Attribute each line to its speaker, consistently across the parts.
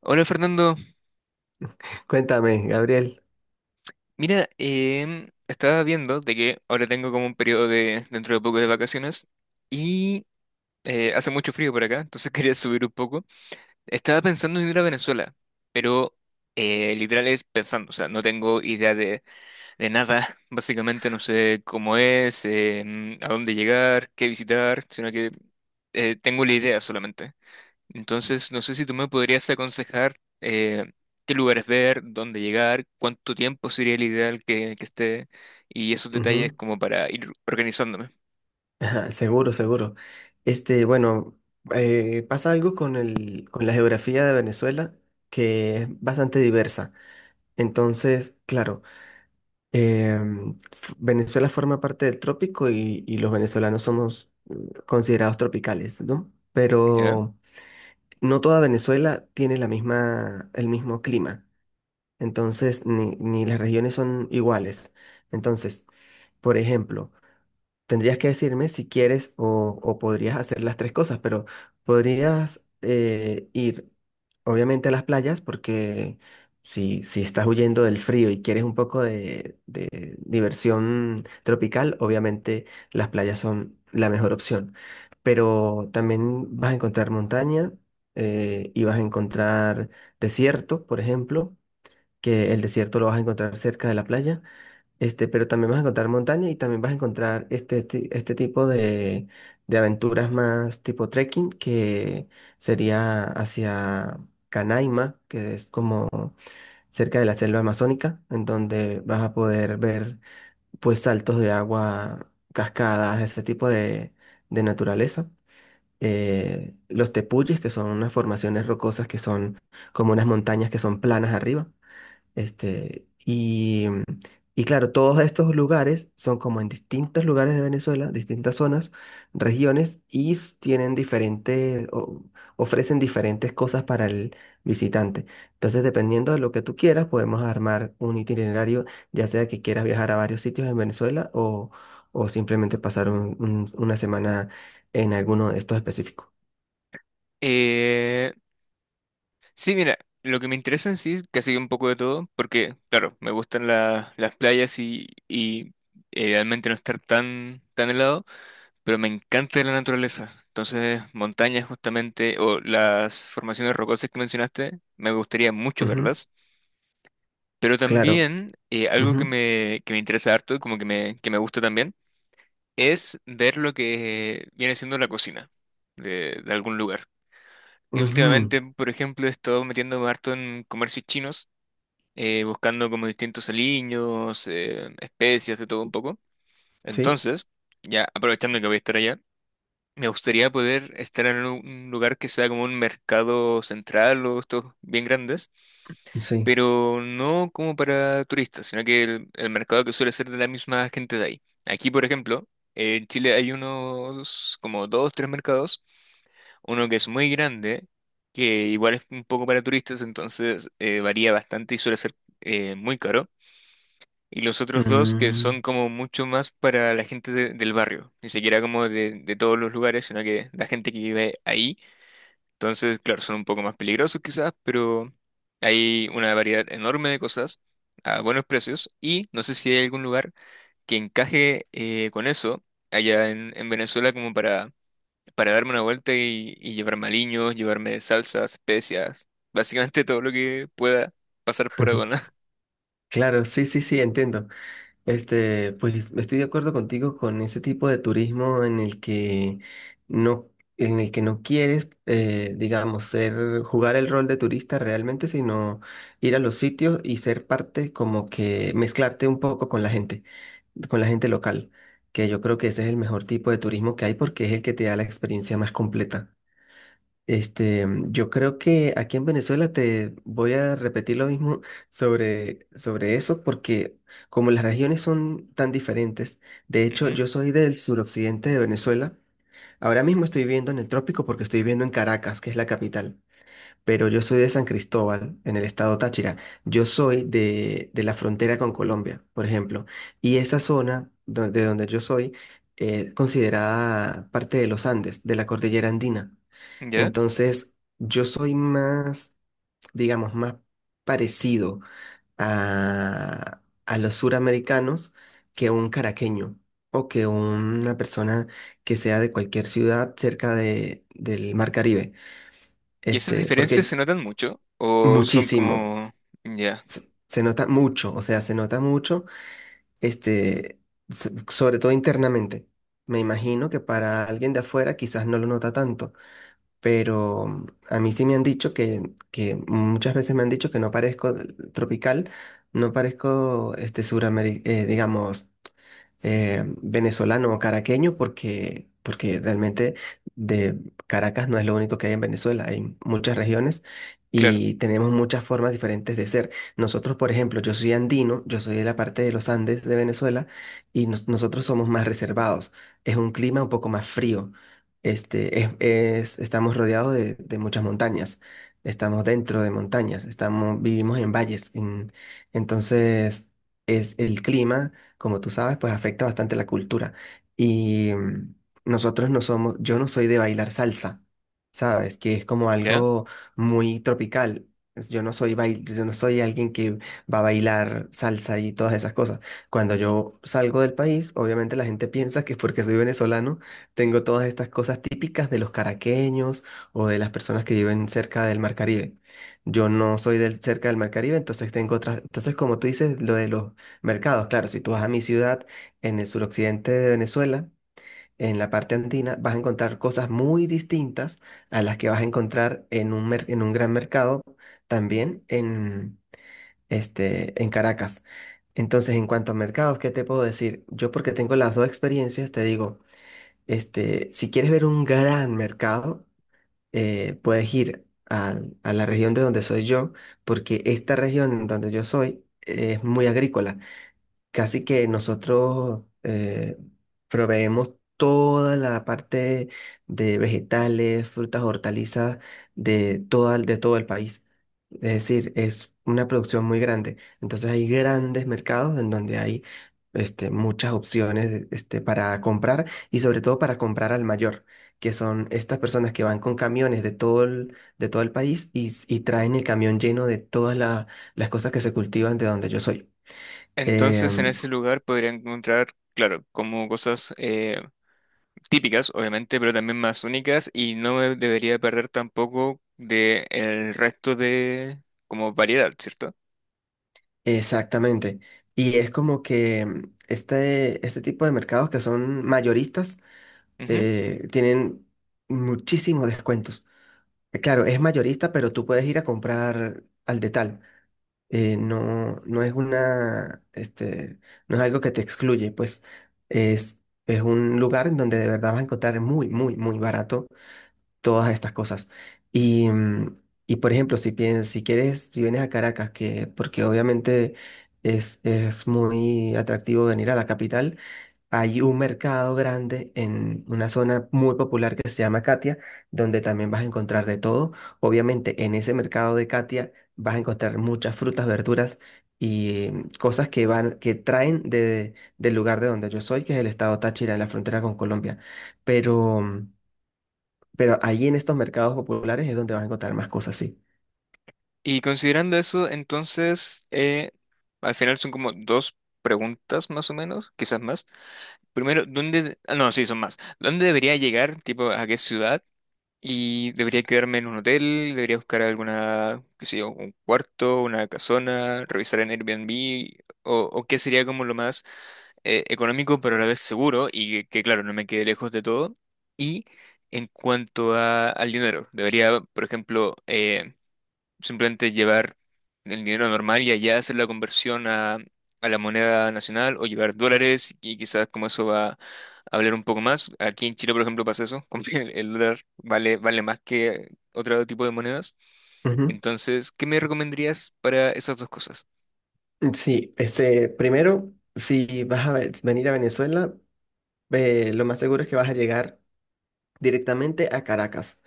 Speaker 1: Hola Fernando,
Speaker 2: Cuéntame, Gabriel.
Speaker 1: mira, estaba viendo de que ahora tengo como un periodo de dentro de poco de vacaciones y hace mucho frío por acá, entonces quería subir un poco. Estaba pensando en ir a Venezuela, pero literal es pensando, o sea, no tengo idea de nada, básicamente no sé cómo es, a dónde llegar, qué visitar, sino que tengo la idea solamente. Entonces, no sé si tú me podrías aconsejar eh, qué lugares ver, dónde llegar, cuánto tiempo sería el ideal que esté y esos detalles
Speaker 2: Ujú.
Speaker 1: como para ir organizándome.
Speaker 2: Ajá, seguro, seguro. Bueno, pasa algo con con la geografía de Venezuela que es bastante diversa. Entonces, claro, Venezuela forma parte del trópico y los venezolanos somos considerados tropicales, ¿no?
Speaker 1: ¿Ya?
Speaker 2: Pero no toda Venezuela tiene la misma, el mismo clima. Entonces, ni las regiones son iguales. Entonces, por ejemplo, tendrías que decirme si quieres o podrías hacer las tres cosas, pero podrías ir obviamente a las playas porque si estás huyendo del frío y quieres un poco de diversión tropical, obviamente las playas son la mejor opción. Pero también vas a encontrar montaña y vas a encontrar desierto, por ejemplo, que el desierto lo vas a encontrar cerca de la playa. Pero también vas a encontrar montaña y también vas a encontrar este tipo de aventuras más tipo trekking, que sería hacia Canaima, que es como cerca de la selva amazónica, en donde vas a poder ver pues saltos de agua, cascadas, ese tipo de naturaleza. Los tepuyes, que son unas formaciones rocosas que son como unas montañas que son planas arriba. Este, y, y claro, todos estos lugares son como en distintos lugares de Venezuela, distintas zonas, regiones, y tienen diferentes, ofrecen diferentes cosas para el visitante. Entonces, dependiendo de lo que tú quieras, podemos armar un itinerario, ya sea que quieras viajar a varios sitios en Venezuela o simplemente pasar una semana en alguno de estos específicos.
Speaker 1: Eh, sí, mira, lo que me interesa en sí es casi un poco de todo, porque, claro, me gustan las playas y realmente no estar tan, tan helado, pero me encanta la naturaleza. Entonces, montañas justamente, o las formaciones rocosas que mencionaste, me gustaría mucho
Speaker 2: Ujú,
Speaker 1: verlas. Pero
Speaker 2: claro.
Speaker 1: también algo que
Speaker 2: Ujú,
Speaker 1: me, que me interesa harto y como que me gusta también es ver lo que viene siendo la cocina de algún lugar. Y
Speaker 2: ujú,
Speaker 1: últimamente, por ejemplo, he estado metiéndome harto en comercios chinos, buscando como distintos aliños, especias, de todo un poco.
Speaker 2: sí,
Speaker 1: Entonces, ya aprovechando que voy a estar allá, me gustaría poder estar en un lugar que sea como un mercado central o estos bien grandes,
Speaker 2: sí.
Speaker 1: pero no como para turistas, sino que el mercado que suele ser de la misma gente de ahí. Aquí, por ejemplo, en Chile hay unos como dos, tres mercados, uno que es muy grande, que igual es un poco para turistas, entonces varía bastante y suele ser muy caro. Y los otros dos que son
Speaker 2: Mm.
Speaker 1: como mucho más para la gente del barrio, ni siquiera como de todos los lugares, sino que la gente que vive ahí. Entonces, claro, son un poco más peligrosos quizás, pero hay una variedad enorme de cosas a buenos precios y no sé si hay algún lugar que encaje con eso allá en Venezuela como para darme una vuelta y llevarme aliños, llevarme salsas, especias, básicamente todo lo que pueda pasar por aduana.
Speaker 2: Claro, sí, sí, sí, entiendo. Pues estoy de acuerdo contigo con ese tipo de turismo en el que no, en el que no quieres, digamos, ser, jugar el rol de turista realmente, sino ir a los sitios y ser parte, como que mezclarte un poco con la gente local, que yo creo que ese es el mejor tipo de turismo que hay porque es el que te da la experiencia más completa. Yo creo que aquí en Venezuela te voy a repetir lo mismo sobre eso, porque como las regiones son tan diferentes, de hecho
Speaker 1: Ujú.
Speaker 2: yo soy del suroccidente de Venezuela, ahora mismo estoy viviendo en el trópico porque estoy viviendo en Caracas, que es la capital, pero yo soy de San Cristóbal, en el estado Táchira, yo soy de la frontera con Colombia, por ejemplo, y esa zona de donde yo soy es considerada parte de los Andes, de la cordillera andina.
Speaker 1: ¿Ya?
Speaker 2: Entonces, yo soy más, digamos, más parecido a, a los suramericanos que un caraqueño o que una persona que sea de cualquier ciudad cerca del Mar Caribe.
Speaker 1: ¿Y esas
Speaker 2: Este,
Speaker 1: diferencias se
Speaker 2: porque
Speaker 1: notan mucho? ¿O son
Speaker 2: muchísimo,
Speaker 1: como... Ya,
Speaker 2: se nota mucho, o sea, se nota mucho, este, sobre todo internamente. Me imagino que para alguien de afuera quizás no lo nota tanto pero a mí sí me han dicho que muchas veces me han dicho que no parezco tropical, no parezco este suramericano, digamos venezolano o caraqueño porque realmente de Caracas no es lo único que hay en Venezuela, hay muchas regiones
Speaker 1: claro,
Speaker 2: y tenemos muchas formas diferentes de ser. Nosotros, por ejemplo, yo soy andino, yo soy de la parte de los Andes de Venezuela y nosotros somos más reservados, es un clima un poco más frío. Estamos rodeados de muchas montañas, estamos dentro de montañas, estamos, vivimos en valles, entonces es el clima como tú sabes, pues afecta bastante la cultura. Y nosotros no somos, yo no soy de bailar salsa, ¿sabes? Que es como
Speaker 1: ¿ya?
Speaker 2: algo muy tropical. Yo no soy bail, yo no soy alguien que va a bailar salsa y todas esas cosas. Cuando yo salgo del país, obviamente la gente piensa que es porque soy venezolano, tengo todas estas cosas típicas de los caraqueños o de las personas que viven cerca del Mar Caribe. Yo no soy cerca del Mar Caribe, entonces tengo otras, entonces como tú dices, lo de los mercados, claro, si tú vas a mi ciudad en el suroccidente de Venezuela, en la parte andina, vas a encontrar cosas muy distintas a las que vas a encontrar en en un gran mercado también en, en Caracas. Entonces, en cuanto a mercados, ¿qué te puedo decir? Yo porque tengo las dos experiencias, te digo, si quieres ver un gran mercado, puedes ir a la región de donde soy yo, porque esta región donde yo soy es muy agrícola. Casi que nosotros proveemos toda la parte de vegetales, frutas, hortalizas de toda, de todo el país. Es decir, es una producción muy grande. Entonces hay grandes mercados en donde hay muchas opciones para comprar y sobre todo para comprar al mayor, que son estas personas que van con camiones de todo el país y, y traen el camión lleno de todas las cosas que se cultivan de donde yo soy.
Speaker 1: Entonces en
Speaker 2: Em,
Speaker 1: ese lugar podría encontrar, claro, como cosas típicas, obviamente, pero también más únicas y no me debería perder tampoco de el resto de como variedad, ¿cierto?
Speaker 2: Exactamente. Y es como que este tipo de mercados que son mayoristas
Speaker 1: Ujú.
Speaker 2: tienen muchísimos descuentos. Claro, es mayorista, pero tú puedes ir a comprar al detal. No, no es una, no es algo que te excluye, pues es, es un lugar en donde de verdad vas a encontrar muy, muy, muy barato todas estas cosas. Y, y por ejemplo, si piensas, si quieres, si vienes a Caracas, que, porque obviamente es muy atractivo venir a la capital, hay un mercado grande en una zona muy popular que se llama Catia, donde también vas a encontrar de todo. Obviamente, en ese mercado de Catia vas a encontrar muchas frutas, verduras y cosas que van, que traen de, del lugar de donde yo soy, que es el estado Táchira, en la frontera con Colombia. Pero pero allí en estos mercados populares es donde vas a encontrar más cosas así.
Speaker 1: Y considerando eso, entonces, al final son como dos preguntas más o menos, quizás más. Primero, ¿dónde? Ah, no, sí, son más. ¿Dónde debería llegar? Tipo, ¿a qué ciudad? Y debería quedarme en un hotel, debería buscar alguna, qué sé yo, un cuarto, una casona, revisar en Airbnb, o qué sería como lo más económico, pero a la vez seguro y que, claro, no me quede lejos de todo. Y en cuanto al dinero, debería, por ejemplo, simplemente llevar el dinero normal y allá hacer la conversión a la moneda nacional o llevar dólares y quizás como eso va a hablar un poco más. Aquí en Chile, por ejemplo, pasa eso, como que el dólar vale, vale más que otro tipo de monedas.
Speaker 2: Ujú.
Speaker 1: Entonces, ¿qué me recomendarías para esas dos cosas?
Speaker 2: Sí, primero, si vas a venir a Venezuela, lo más seguro es que vas a llegar directamente a Caracas.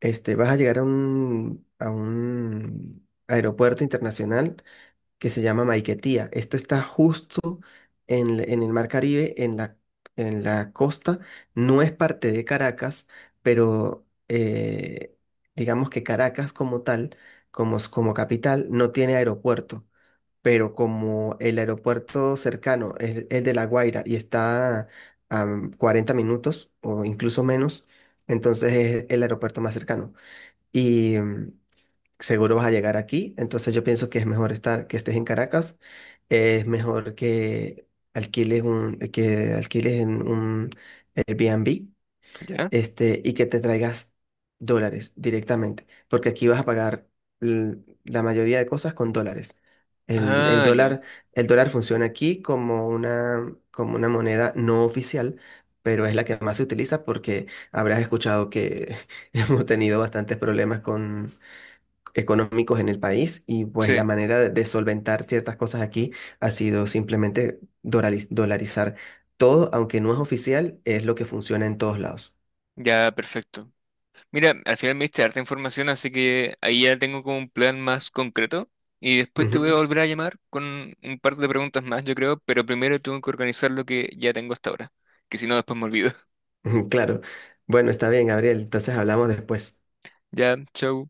Speaker 2: Vas a llegar a un aeropuerto internacional que se llama Maiquetía. Esto está justo en el Mar Caribe, en la costa. No es parte de Caracas, pero digamos que Caracas como tal, como, como capital, no tiene aeropuerto. Pero como el aeropuerto cercano es el de La Guaira y está a 40 minutos o incluso menos, entonces es el aeropuerto más cercano seguro vas a llegar aquí, entonces yo pienso que es mejor estar, que estés en Caracas, es mejor que alquiles que alquiles en un Airbnb,
Speaker 1: ¿Ya?
Speaker 2: y que te traigas dólares directamente, porque aquí vas a pagar l- la mayoría de cosas con dólares. El
Speaker 1: Ah, ya.
Speaker 2: dólar, el dólar funciona aquí como una moneda no oficial, pero es la que más se utiliza porque habrás escuchado que hemos tenido bastantes problemas económicos en el país y pues la
Speaker 1: Sí,
Speaker 2: manera de solventar ciertas cosas aquí ha sido simplemente dolarizar todo, aunque no es oficial, es lo que funciona en todos lados.
Speaker 1: ya, perfecto. Mira, al final me diste harta información, así que ahí ya tengo como un plan más concreto. Y después te voy a
Speaker 2: Ujú,
Speaker 1: volver a llamar con un par de preguntas más, yo creo, pero primero tengo que organizar lo que ya tengo hasta ahora, que si no después me olvido.
Speaker 2: ujú, claro. Bueno, está bien, Gabriel. Entonces hablamos después.
Speaker 1: Ya, chau.